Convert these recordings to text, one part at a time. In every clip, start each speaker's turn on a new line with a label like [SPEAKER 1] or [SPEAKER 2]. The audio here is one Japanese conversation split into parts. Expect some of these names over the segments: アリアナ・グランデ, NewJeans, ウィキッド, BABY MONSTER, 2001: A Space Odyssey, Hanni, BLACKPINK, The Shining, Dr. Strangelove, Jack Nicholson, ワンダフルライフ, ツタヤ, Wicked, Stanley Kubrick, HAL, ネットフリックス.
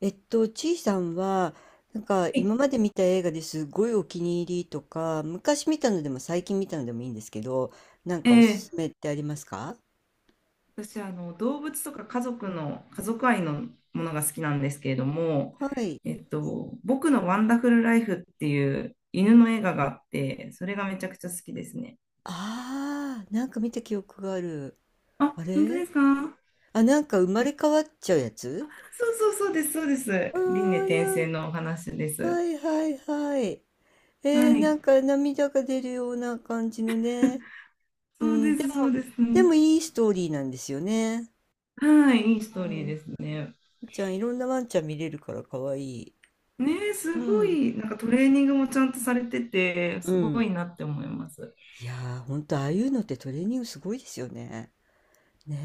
[SPEAKER 1] ちいさんは、なんか
[SPEAKER 2] い
[SPEAKER 1] 今まで見た映画ですごいお気に入りとか、昔見たのでも最近見たのでもいいんですけど、なんかお
[SPEAKER 2] え
[SPEAKER 1] すす
[SPEAKER 2] え
[SPEAKER 1] めってありますか？
[SPEAKER 2] 私動物とか家族愛のものが好きなんですけれども、
[SPEAKER 1] はい。
[SPEAKER 2] 僕のワンダフルライフっていう犬の映画があって、それがめちゃくちゃ好きですね。
[SPEAKER 1] ああ、なんか見た記憶がある。
[SPEAKER 2] あ、
[SPEAKER 1] あ
[SPEAKER 2] 本当
[SPEAKER 1] れ、
[SPEAKER 2] ですか？
[SPEAKER 1] あ、なんか生まれ変わっちゃうやつ。
[SPEAKER 2] そうそうそうです、そうです。
[SPEAKER 1] ああ
[SPEAKER 2] 輪廻
[SPEAKER 1] ー、
[SPEAKER 2] 転
[SPEAKER 1] なん
[SPEAKER 2] 生
[SPEAKER 1] か、
[SPEAKER 2] のお話で
[SPEAKER 1] は
[SPEAKER 2] す。
[SPEAKER 1] いはいはい。
[SPEAKER 2] はい、
[SPEAKER 1] なんか涙が出るような感じのね。う
[SPEAKER 2] そう
[SPEAKER 1] ん、
[SPEAKER 2] で
[SPEAKER 1] で
[SPEAKER 2] す、そう
[SPEAKER 1] も、
[SPEAKER 2] です。
[SPEAKER 1] でもいいストーリーなんですよね。
[SPEAKER 2] はい、いいストー
[SPEAKER 1] う
[SPEAKER 2] リー
[SPEAKER 1] ん。
[SPEAKER 2] ですね。
[SPEAKER 1] ちゃん、いろんなワンちゃん見れるから可愛い。
[SPEAKER 2] ねえ、
[SPEAKER 1] う
[SPEAKER 2] すご
[SPEAKER 1] ん。
[SPEAKER 2] い、なんかトレーニングもちゃんとされてて、
[SPEAKER 1] う
[SPEAKER 2] すご
[SPEAKER 1] ん。
[SPEAKER 2] いなって思います。
[SPEAKER 1] いやー、ほんと、ああいうのってトレーニングすごいですよね。ね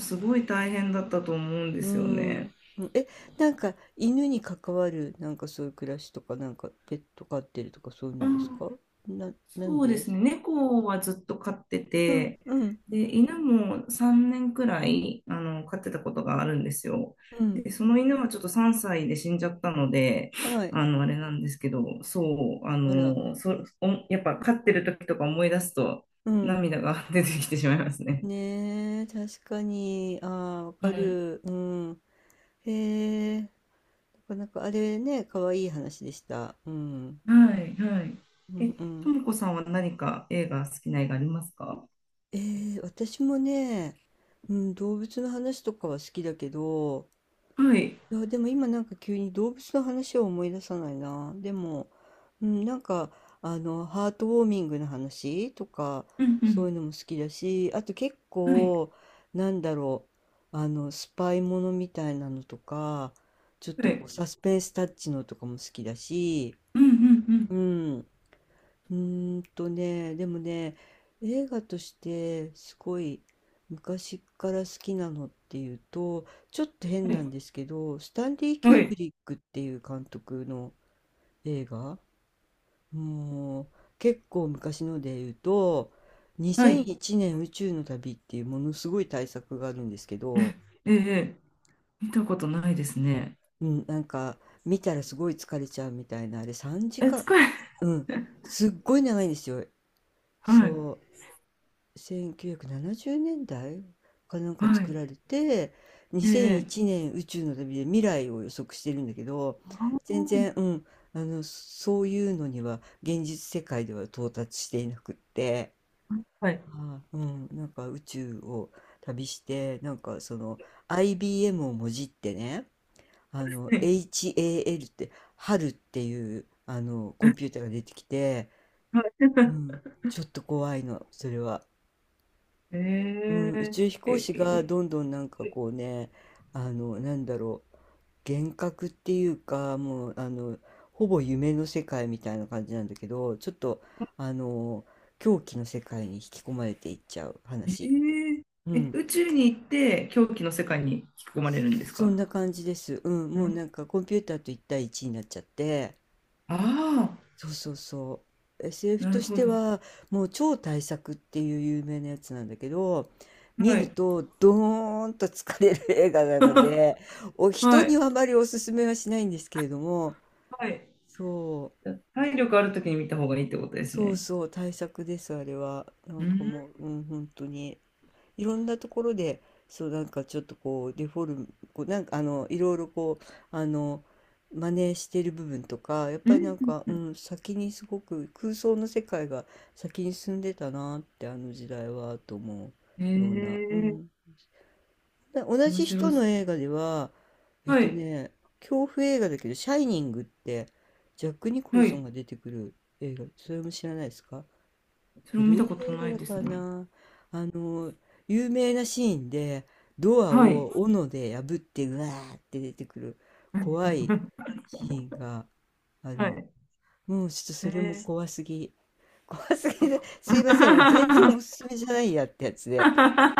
[SPEAKER 1] え。
[SPEAKER 2] すごい大変だったと思うんで
[SPEAKER 1] う
[SPEAKER 2] すよ
[SPEAKER 1] ん。
[SPEAKER 2] ね。
[SPEAKER 1] うんえ、なんか、犬に関わる、なんかそういう暮らしとか、なんか、ペット飼ってるとか、そういう
[SPEAKER 2] あ
[SPEAKER 1] のです
[SPEAKER 2] ー、
[SPEAKER 1] か？なん
[SPEAKER 2] そうで
[SPEAKER 1] で
[SPEAKER 2] す
[SPEAKER 1] す？
[SPEAKER 2] ね。猫はずっと飼って
[SPEAKER 1] うん、
[SPEAKER 2] て、
[SPEAKER 1] うん、
[SPEAKER 2] で、犬も3年くらい、飼ってたことがあるんですよ。
[SPEAKER 1] うん。
[SPEAKER 2] で、その犬はちょっと3歳で死んじゃったので、
[SPEAKER 1] はい。
[SPEAKER 2] あれなんですけど、そう、
[SPEAKER 1] あら。
[SPEAKER 2] やっぱ飼ってる時とか思い出すと
[SPEAKER 1] うん。
[SPEAKER 2] 涙が 出てきてしまいますね。
[SPEAKER 1] ねえ、確かに。ああ、わか
[SPEAKER 2] はい。
[SPEAKER 1] る。うん。へえ。なかなか、あれね、かわいい話でした。うん。
[SPEAKER 2] はい、はい。
[SPEAKER 1] う
[SPEAKER 2] え、
[SPEAKER 1] ん、う
[SPEAKER 2] と
[SPEAKER 1] ん。
[SPEAKER 2] もこさんは何か映画、好きな映画ありますか？
[SPEAKER 1] 私もね、うん、動物の話とかは好きだけど、
[SPEAKER 2] はい。
[SPEAKER 1] いや、でも今なんか急に動物の話を思い出さないな。でも、うん、なんか、あの、ハートウォーミングの話とか、
[SPEAKER 2] う
[SPEAKER 1] そう
[SPEAKER 2] ん
[SPEAKER 1] いうのも好きだし、あと結
[SPEAKER 2] うん。はい。
[SPEAKER 1] 構、なんだろう、あの、スパイものみたいなのとか、ちょっ
[SPEAKER 2] は
[SPEAKER 1] とこう、
[SPEAKER 2] い。
[SPEAKER 1] サスペンスタッチのとかも好きだし、
[SPEAKER 2] うんうんう
[SPEAKER 1] う
[SPEAKER 2] ん。
[SPEAKER 1] ん。うーんとね、でもね、映画としてすごい昔から好きなのっていうと、ちょっと変
[SPEAKER 2] は
[SPEAKER 1] なん
[SPEAKER 2] い。
[SPEAKER 1] ですけど、スタンリー・キ
[SPEAKER 2] は
[SPEAKER 1] ューブ
[SPEAKER 2] い。
[SPEAKER 1] リックっていう監督の映画、もう結構昔ので言うと、
[SPEAKER 2] はい。
[SPEAKER 1] 2001年宇宙の旅っていうものすごい大作があるんですけど、
[SPEAKER 2] ええ、見たことないですね。
[SPEAKER 1] うん、なんか見たらすごい疲れちゃうみたいな、あれ3
[SPEAKER 2] え、
[SPEAKER 1] 時間、
[SPEAKER 2] 使え、
[SPEAKER 1] うん、すっごい長いんですよ。
[SPEAKER 2] はい。
[SPEAKER 1] そう。1970年代かなんか
[SPEAKER 2] は
[SPEAKER 1] 作
[SPEAKER 2] い。
[SPEAKER 1] られて
[SPEAKER 2] え
[SPEAKER 1] 2001
[SPEAKER 2] え、
[SPEAKER 1] 年宇宙の旅で未来を予測してるんだけど、
[SPEAKER 2] あー、
[SPEAKER 1] 全然、うん、あのそういうのには現実世界では到達していなくって、
[SPEAKER 2] はい。
[SPEAKER 1] ああうん、なんか宇宙を旅してなんかその IBM をもじってね、あの
[SPEAKER 2] ええ、
[SPEAKER 1] HAL って春っていうあのコンピュ ーターが出てきて、
[SPEAKER 2] はい。
[SPEAKER 1] うん、ちょっと怖いのそれは。うん、宇
[SPEAKER 2] え
[SPEAKER 1] 宙飛
[SPEAKER 2] え、
[SPEAKER 1] 行
[SPEAKER 2] え
[SPEAKER 1] 士が
[SPEAKER 2] え、
[SPEAKER 1] どんどんなんかこうね、あの、なんだろう、幻覚っていうか、もう、あの、ほぼ夢の世界みたいな感じなんだけど、ちょっと、あの、狂気の世界に引き込まれていっちゃう
[SPEAKER 2] え
[SPEAKER 1] 話。
[SPEAKER 2] え、
[SPEAKER 1] うん。
[SPEAKER 2] 宇宙に行って狂気の世界に引き込まれるんです
[SPEAKER 1] そ
[SPEAKER 2] か？
[SPEAKER 1] んな感じです。うん。
[SPEAKER 2] う
[SPEAKER 1] もう
[SPEAKER 2] ん、
[SPEAKER 1] なんかコンピューターと1対1になっちゃって、
[SPEAKER 2] ああ
[SPEAKER 1] そうそうそう。
[SPEAKER 2] ー、
[SPEAKER 1] SF
[SPEAKER 2] な
[SPEAKER 1] と
[SPEAKER 2] る
[SPEAKER 1] し
[SPEAKER 2] ほ
[SPEAKER 1] て
[SPEAKER 2] ど。
[SPEAKER 1] は、もう超大作っていう有名なやつなんだけど、見
[SPEAKER 2] は
[SPEAKER 1] る
[SPEAKER 2] い。
[SPEAKER 1] とドーンと疲れる映画なので、お人
[SPEAKER 2] は
[SPEAKER 1] に
[SPEAKER 2] い。
[SPEAKER 1] はあまりおすすめはしないんですけれども、
[SPEAKER 2] はい。
[SPEAKER 1] そう、
[SPEAKER 2] 体力あるときに見た方がいいってことです
[SPEAKER 1] そう
[SPEAKER 2] ね。
[SPEAKER 1] そう、大作です、あれは。な
[SPEAKER 2] う
[SPEAKER 1] んか
[SPEAKER 2] ん。
[SPEAKER 1] もう、うん、本当に。いろんなところでそうなんかちょっとこうデフォルムこうなんかあのいろいろこうあの真似してる部分とかやっ
[SPEAKER 2] う
[SPEAKER 1] ぱりな
[SPEAKER 2] ん。
[SPEAKER 1] んか、
[SPEAKER 2] う
[SPEAKER 1] う
[SPEAKER 2] ん、
[SPEAKER 1] ん、先にすごく空想の世界が先に進んでたなってあの時代はと思
[SPEAKER 2] え
[SPEAKER 1] うような、うん、
[SPEAKER 2] え、
[SPEAKER 1] で同
[SPEAKER 2] 面
[SPEAKER 1] じ人
[SPEAKER 2] 白そ
[SPEAKER 1] の映画では
[SPEAKER 2] う。
[SPEAKER 1] えっ
[SPEAKER 2] は
[SPEAKER 1] と
[SPEAKER 2] い。
[SPEAKER 1] ね恐怖映画だけど「シャイニング」ってジャック・ニコル
[SPEAKER 2] は
[SPEAKER 1] ソン
[SPEAKER 2] い。
[SPEAKER 1] が出てくる映画、それも知らないですか？
[SPEAKER 2] それも見
[SPEAKER 1] 古い
[SPEAKER 2] たこと
[SPEAKER 1] 映画
[SPEAKER 2] ない
[SPEAKER 1] だ
[SPEAKER 2] で
[SPEAKER 1] か
[SPEAKER 2] す
[SPEAKER 1] ら
[SPEAKER 2] ね。
[SPEAKER 1] な。あの、有名なシーンで、ドア
[SPEAKER 2] はい。
[SPEAKER 1] を斧で破って、うわーって出てくる怖い シーンがある
[SPEAKER 2] は
[SPEAKER 1] んだ。
[SPEAKER 2] い。
[SPEAKER 1] もうちょっと
[SPEAKER 2] え
[SPEAKER 1] それも
[SPEAKER 2] ー
[SPEAKER 1] 怖すぎ。怖すぎで、すいません。もう全然おす すめじゃないやってやつで。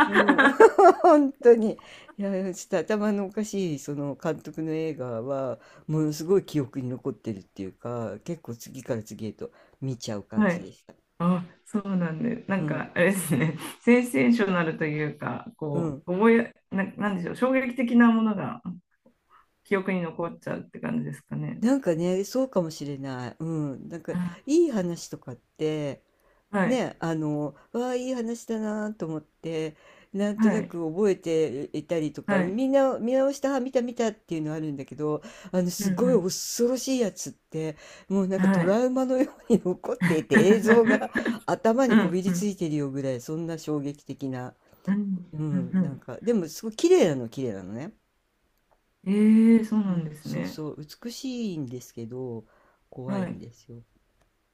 [SPEAKER 1] うん。本当に。いや、ちょっと頭のおかしい、その監督の映画は、ものすごい記憶に残ってるっていうか、結構次から次へと見ちゃう感
[SPEAKER 2] は
[SPEAKER 1] じ
[SPEAKER 2] い。
[SPEAKER 1] でした。
[SPEAKER 2] あ、そうなんで、な
[SPEAKER 1] う
[SPEAKER 2] んか、
[SPEAKER 1] ん。
[SPEAKER 2] あれですね、センセーショナルというか、
[SPEAKER 1] う
[SPEAKER 2] こ
[SPEAKER 1] ん。
[SPEAKER 2] う、覚え、な、なんでしょう、衝撃的なものが記憶に残っちゃうって感じですかね。
[SPEAKER 1] なんかね、そうかもしれない。うん。なんか、
[SPEAKER 2] あ
[SPEAKER 1] いい話とかって、
[SPEAKER 2] はい。
[SPEAKER 1] ね、あの、わあ、いい話だなと思って、なんと
[SPEAKER 2] は
[SPEAKER 1] な
[SPEAKER 2] い。
[SPEAKER 1] く覚えていたりと
[SPEAKER 2] は
[SPEAKER 1] か、
[SPEAKER 2] い。
[SPEAKER 1] みんな見直した、あ見た見たっていうのあるんだけど、あの、
[SPEAKER 2] う
[SPEAKER 1] す
[SPEAKER 2] ん
[SPEAKER 1] ごい
[SPEAKER 2] う
[SPEAKER 1] 恐ろしいやつって、もうなん
[SPEAKER 2] ん。
[SPEAKER 1] か
[SPEAKER 2] は
[SPEAKER 1] トラ
[SPEAKER 2] い。
[SPEAKER 1] ウマのように 残っていて、映像が頭 に
[SPEAKER 2] う
[SPEAKER 1] こ
[SPEAKER 2] ん
[SPEAKER 1] び
[SPEAKER 2] う
[SPEAKER 1] りつ
[SPEAKER 2] ん
[SPEAKER 1] いてるよぐらい、そんな衝撃的な。
[SPEAKER 2] うん
[SPEAKER 1] う
[SPEAKER 2] うんう
[SPEAKER 1] ん、なん
[SPEAKER 2] ん。
[SPEAKER 1] か、でも、すごい綺麗なの、綺麗なのね。
[SPEAKER 2] えー、そう
[SPEAKER 1] う
[SPEAKER 2] なんで
[SPEAKER 1] ん、
[SPEAKER 2] す
[SPEAKER 1] そう
[SPEAKER 2] ね。
[SPEAKER 1] そう、美しいんですけど、怖い
[SPEAKER 2] は
[SPEAKER 1] ん
[SPEAKER 2] い。
[SPEAKER 1] ですよ。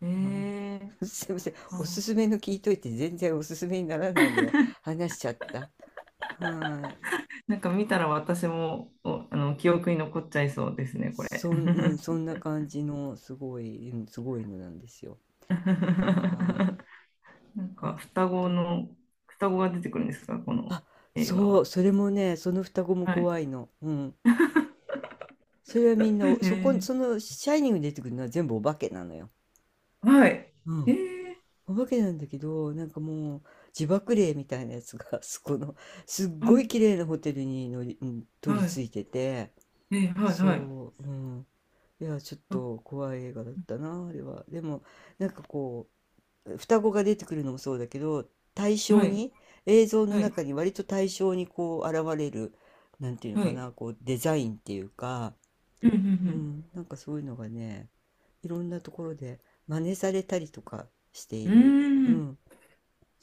[SPEAKER 2] え
[SPEAKER 1] あ
[SPEAKER 2] えー。
[SPEAKER 1] ー すいません。おす
[SPEAKER 2] あー、
[SPEAKER 1] すめの聞いといて全然おすすめにならないのを話しちゃった。はい。
[SPEAKER 2] なんか見たら私も、おあの、記憶に残っちゃいそうですね、これ。
[SPEAKER 1] そん、うん、そんな感じのすごい、うん、すごいのなんですよ。はい。
[SPEAKER 2] なんか
[SPEAKER 1] あと、
[SPEAKER 2] 双子が出てくるんですか、この
[SPEAKER 1] あ、
[SPEAKER 2] 映画
[SPEAKER 1] そう、
[SPEAKER 2] は？
[SPEAKER 1] それもね、その双子も
[SPEAKER 2] は
[SPEAKER 1] 怖
[SPEAKER 2] い。
[SPEAKER 1] いの。うん。それは
[SPEAKER 2] え
[SPEAKER 1] みんな、そこ、
[SPEAKER 2] ー、
[SPEAKER 1] その、シャイニングに出てくるのは全部お化けなのよ。
[SPEAKER 2] はい。
[SPEAKER 1] う
[SPEAKER 2] え
[SPEAKER 1] ん。
[SPEAKER 2] ー、
[SPEAKER 1] お化けなんだけど、なんかもう、自爆霊みたいなやつが、そこの、すっ
[SPEAKER 2] あ
[SPEAKER 1] ごい綺麗なホテルに乗り、うん、取り
[SPEAKER 2] は
[SPEAKER 1] 付
[SPEAKER 2] い。
[SPEAKER 1] いてて、
[SPEAKER 2] はい、はい。
[SPEAKER 1] そう、うん。いや、ちょっ
[SPEAKER 2] あ
[SPEAKER 1] と怖い映画だったな、あれは。でも、なんかこう、双子が出てくるのもそうだけど、対
[SPEAKER 2] は
[SPEAKER 1] 象
[SPEAKER 2] い、
[SPEAKER 1] に、映像の
[SPEAKER 2] はい、
[SPEAKER 1] 中に割と対象にこう現れる、なんていうの
[SPEAKER 2] は
[SPEAKER 1] か
[SPEAKER 2] い。
[SPEAKER 1] な、こうデザインっていうか、
[SPEAKER 2] うん、う
[SPEAKER 1] う
[SPEAKER 2] ん、
[SPEAKER 1] ん、なんかそういうのがね、いろんなところで真似されたりとかして
[SPEAKER 2] う
[SPEAKER 1] い
[SPEAKER 2] ん。う
[SPEAKER 1] る。う
[SPEAKER 2] ーん。
[SPEAKER 1] ん、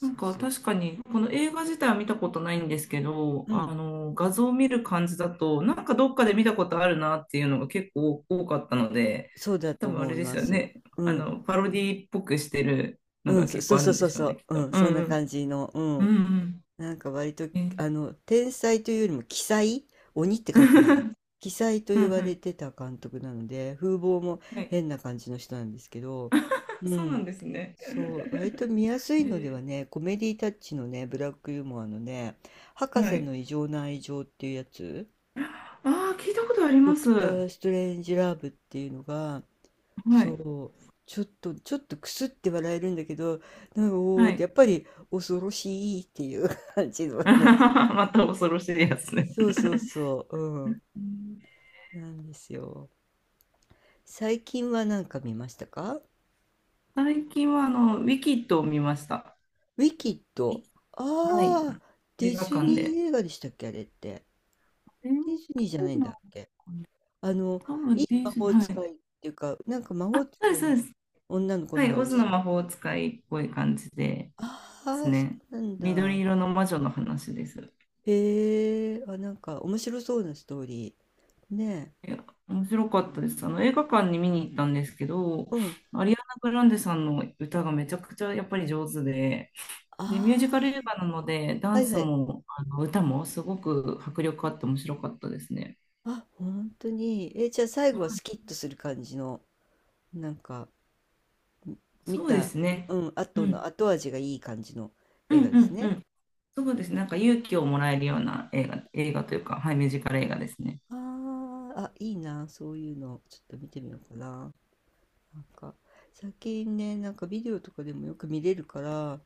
[SPEAKER 2] なん
[SPEAKER 1] う
[SPEAKER 2] か
[SPEAKER 1] そう。
[SPEAKER 2] 確かに、この映画自体は見たことないんですけど、
[SPEAKER 1] う
[SPEAKER 2] あ
[SPEAKER 1] ん、
[SPEAKER 2] の、画像を見る感じだと、なんかどっかで見たことあるなっていうのが結構多かったので、
[SPEAKER 1] そうだ
[SPEAKER 2] 多
[SPEAKER 1] と
[SPEAKER 2] 分あれ
[SPEAKER 1] 思い
[SPEAKER 2] で
[SPEAKER 1] ま
[SPEAKER 2] すよ
[SPEAKER 1] す。
[SPEAKER 2] ね。
[SPEAKER 1] う
[SPEAKER 2] あ
[SPEAKER 1] ん、
[SPEAKER 2] の、パロディっぽくしてるの
[SPEAKER 1] う
[SPEAKER 2] が
[SPEAKER 1] ん、そ
[SPEAKER 2] 結
[SPEAKER 1] そ
[SPEAKER 2] 構
[SPEAKER 1] う
[SPEAKER 2] ある
[SPEAKER 1] そう
[SPEAKER 2] んで
[SPEAKER 1] そう
[SPEAKER 2] しょう
[SPEAKER 1] そ
[SPEAKER 2] ね、き
[SPEAKER 1] う、
[SPEAKER 2] っと。
[SPEAKER 1] うん、
[SPEAKER 2] うん
[SPEAKER 1] そん
[SPEAKER 2] う
[SPEAKER 1] な
[SPEAKER 2] ん。
[SPEAKER 1] 感じの、う
[SPEAKER 2] う
[SPEAKER 1] ん。
[SPEAKER 2] ん
[SPEAKER 1] なんか割と、
[SPEAKER 2] うん。
[SPEAKER 1] あの、天才というよりも鬼才、鬼って
[SPEAKER 2] え
[SPEAKER 1] 書く方の、鬼才と
[SPEAKER 2] うんう
[SPEAKER 1] 言わ
[SPEAKER 2] ん、
[SPEAKER 1] れてた監督なので、風貌も
[SPEAKER 2] はい。
[SPEAKER 1] 変な感じの人なんですけど、う
[SPEAKER 2] そうなん
[SPEAKER 1] ん、
[SPEAKER 2] ですね。
[SPEAKER 1] そう、割と見やすいのでは
[SPEAKER 2] え
[SPEAKER 1] ね、コメディタッチのね、ブラックユーモアのね、博
[SPEAKER 2] は
[SPEAKER 1] 士
[SPEAKER 2] い。
[SPEAKER 1] の異常な愛情っていうやつ、
[SPEAKER 2] ああ、聞いたことあり
[SPEAKER 1] ド
[SPEAKER 2] ま
[SPEAKER 1] ク
[SPEAKER 2] す。
[SPEAKER 1] タ
[SPEAKER 2] は
[SPEAKER 1] ー・ストレンジ・ラブっていうのが、そ
[SPEAKER 2] い。
[SPEAKER 1] う、ちょっとくすって笑えるんだけど、なんか、お
[SPEAKER 2] は
[SPEAKER 1] ーって、
[SPEAKER 2] い。
[SPEAKER 1] やっぱり恐ろしいっていう 感じの ね、
[SPEAKER 2] また恐ろしいやつね。
[SPEAKER 1] そうそうそう、うん、
[SPEAKER 2] うん、
[SPEAKER 1] なんですよ。最近は何か見ましたか？
[SPEAKER 2] 最近はウィキッドを見ました。
[SPEAKER 1] ウィキッド。
[SPEAKER 2] はい。
[SPEAKER 1] ああ、デ
[SPEAKER 2] 映
[SPEAKER 1] ィ
[SPEAKER 2] 画
[SPEAKER 1] ズ
[SPEAKER 2] 館
[SPEAKER 1] ニ
[SPEAKER 2] で。
[SPEAKER 1] ー映画でしたっけ、あれって。
[SPEAKER 2] えー、
[SPEAKER 1] ディズニーじゃ
[SPEAKER 2] そ
[SPEAKER 1] ない
[SPEAKER 2] う
[SPEAKER 1] ん
[SPEAKER 2] な
[SPEAKER 1] だ
[SPEAKER 2] ん
[SPEAKER 1] っけ。あの、
[SPEAKER 2] 多分
[SPEAKER 1] いい
[SPEAKER 2] ディ
[SPEAKER 1] 魔
[SPEAKER 2] ズニー、
[SPEAKER 1] 法
[SPEAKER 2] はい。
[SPEAKER 1] 使いっていうか、なんか魔
[SPEAKER 2] あ、
[SPEAKER 1] 法
[SPEAKER 2] そうで
[SPEAKER 1] 使
[SPEAKER 2] す、
[SPEAKER 1] い
[SPEAKER 2] そ
[SPEAKER 1] の
[SPEAKER 2] うです。
[SPEAKER 1] 女の子
[SPEAKER 2] は
[SPEAKER 1] の
[SPEAKER 2] い。オズの
[SPEAKER 1] 話。
[SPEAKER 2] 魔法使いっぽい感じで
[SPEAKER 1] あ
[SPEAKER 2] す
[SPEAKER 1] あ、そ
[SPEAKER 2] ね。
[SPEAKER 1] うなん
[SPEAKER 2] 緑
[SPEAKER 1] だ。
[SPEAKER 2] 色の魔女の話です。
[SPEAKER 1] へえ、あ、なんか面白そうなストーリー。ね
[SPEAKER 2] いや、面白かったです。あの映画館に見に行ったんですけど、
[SPEAKER 1] え。うん。
[SPEAKER 2] アリアナ・グランデさんの歌がめちゃくちゃやっぱり上手で、ミュージカル
[SPEAKER 1] ああ、
[SPEAKER 2] 映画なので、ダ
[SPEAKER 1] は
[SPEAKER 2] ン
[SPEAKER 1] い
[SPEAKER 2] ス
[SPEAKER 1] はい。
[SPEAKER 2] もあの歌もすごく迫力あって面白かったですね。
[SPEAKER 1] あ、本当に。え、じゃあ最後はスキッとする感じの、なんか。見
[SPEAKER 2] そうで
[SPEAKER 1] た、
[SPEAKER 2] すね。
[SPEAKER 1] うん、
[SPEAKER 2] う
[SPEAKER 1] 後
[SPEAKER 2] ん。
[SPEAKER 1] の後味がいい感じの
[SPEAKER 2] う
[SPEAKER 1] 映
[SPEAKER 2] ん
[SPEAKER 1] 画で
[SPEAKER 2] う
[SPEAKER 1] す
[SPEAKER 2] んう
[SPEAKER 1] ね。
[SPEAKER 2] ん、そうですね。なんか勇気をもらえるような映画というか、はい、ミュージカル映画ですね。
[SPEAKER 1] あーあ、いいな、そういうの、ちょっと見てみようかな。なんか、最近ね、なんかビデオとかでもよく見れるから、あ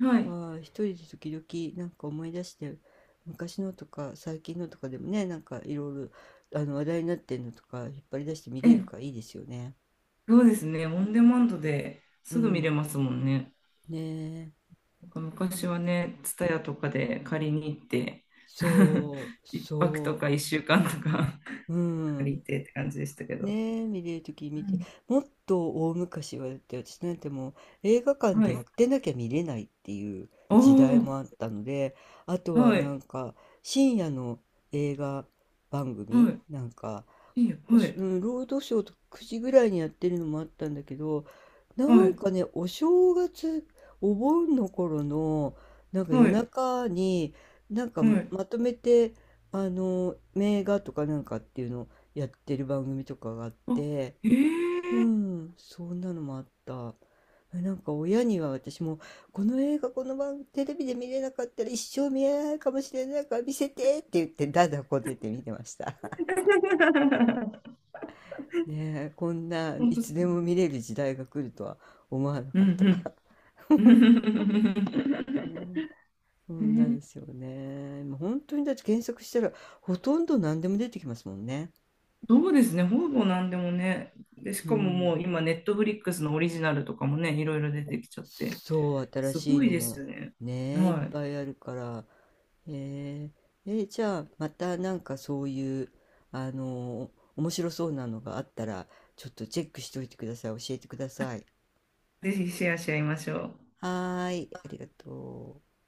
[SPEAKER 2] はい。
[SPEAKER 1] ー一人で時々なんか思い出して、昔のとか最近のとかでもね、なんかいろいろあの話題になってんのとか引っ張り出して見れるか
[SPEAKER 2] え、
[SPEAKER 1] らいいですよね。
[SPEAKER 2] そうですね。オンデマンドで
[SPEAKER 1] う
[SPEAKER 2] すぐ見れ
[SPEAKER 1] ん。
[SPEAKER 2] ますもんね。
[SPEAKER 1] ねえ。
[SPEAKER 2] なんか
[SPEAKER 1] う
[SPEAKER 2] 昔
[SPEAKER 1] ん
[SPEAKER 2] はね、ツタヤとかで借りに行って、
[SPEAKER 1] そう、
[SPEAKER 2] 一泊と
[SPEAKER 1] そ
[SPEAKER 2] か一週間とか
[SPEAKER 1] う。う
[SPEAKER 2] 借
[SPEAKER 1] ん。
[SPEAKER 2] りてって感じでしたけど。
[SPEAKER 1] ねえ、見れるとき
[SPEAKER 2] う
[SPEAKER 1] 見て、
[SPEAKER 2] ん、
[SPEAKER 1] もっと大昔はだって私なんてもう映画館
[SPEAKER 2] は
[SPEAKER 1] で
[SPEAKER 2] い。
[SPEAKER 1] やってなきゃ見れないっていう
[SPEAKER 2] お
[SPEAKER 1] 時代
[SPEAKER 2] ー、
[SPEAKER 1] もあったので、あとは
[SPEAKER 2] は
[SPEAKER 1] なん
[SPEAKER 2] い、
[SPEAKER 1] か深夜の映画番
[SPEAKER 2] は
[SPEAKER 1] 組なんか
[SPEAKER 2] い、いいよ、
[SPEAKER 1] お
[SPEAKER 2] は
[SPEAKER 1] すう
[SPEAKER 2] い、
[SPEAKER 1] ん、労働省と9時ぐらいにやってるのもあったんだけど、な
[SPEAKER 2] は
[SPEAKER 1] ん
[SPEAKER 2] い、
[SPEAKER 1] かね、お正月、お盆の頃の、なんか夜
[SPEAKER 2] はい、
[SPEAKER 1] 中に、なんか
[SPEAKER 2] はい。
[SPEAKER 1] まとめて、あの、名画とかなんかっていうのをやってる番組とかがあっ
[SPEAKER 2] あ、
[SPEAKER 1] て、
[SPEAKER 2] え
[SPEAKER 1] う
[SPEAKER 2] ー。
[SPEAKER 1] ん、そんなのもあった。えなんか親には私も、この映画、この番、テレビで見れなかったら一生見えないかもしれないから見せてって言って、だだこねて見てました。ねえ、こんな
[SPEAKER 2] 本
[SPEAKER 1] い
[SPEAKER 2] 当、
[SPEAKER 1] つでも見れる時代が来るとは思わな
[SPEAKER 2] う
[SPEAKER 1] かったか
[SPEAKER 2] ん
[SPEAKER 1] ら。
[SPEAKER 2] う ん。
[SPEAKER 1] ね、そ
[SPEAKER 2] え
[SPEAKER 1] んな
[SPEAKER 2] ー
[SPEAKER 1] ですよね。もう本当にだって検索したらほとんど何でも出てきますもんね。
[SPEAKER 2] そうですね、ほぼ何でもね。で、し
[SPEAKER 1] う
[SPEAKER 2] かもも
[SPEAKER 1] ん。
[SPEAKER 2] う今、ネットフリックスのオリジナルとかもね、いろいろ出てきちゃって、
[SPEAKER 1] そう、新
[SPEAKER 2] す
[SPEAKER 1] しい
[SPEAKER 2] ご
[SPEAKER 1] の
[SPEAKER 2] いです
[SPEAKER 1] も
[SPEAKER 2] よね。
[SPEAKER 1] ねえ、いっ
[SPEAKER 2] は
[SPEAKER 1] ぱいあるから。えーじゃあまたなんかそういう、あの、面白そうなのがあったらちょっとチェックしておいてください。教えてください。
[SPEAKER 2] い。ぜひシェアし合いましょう。
[SPEAKER 1] はーい、ありがとう。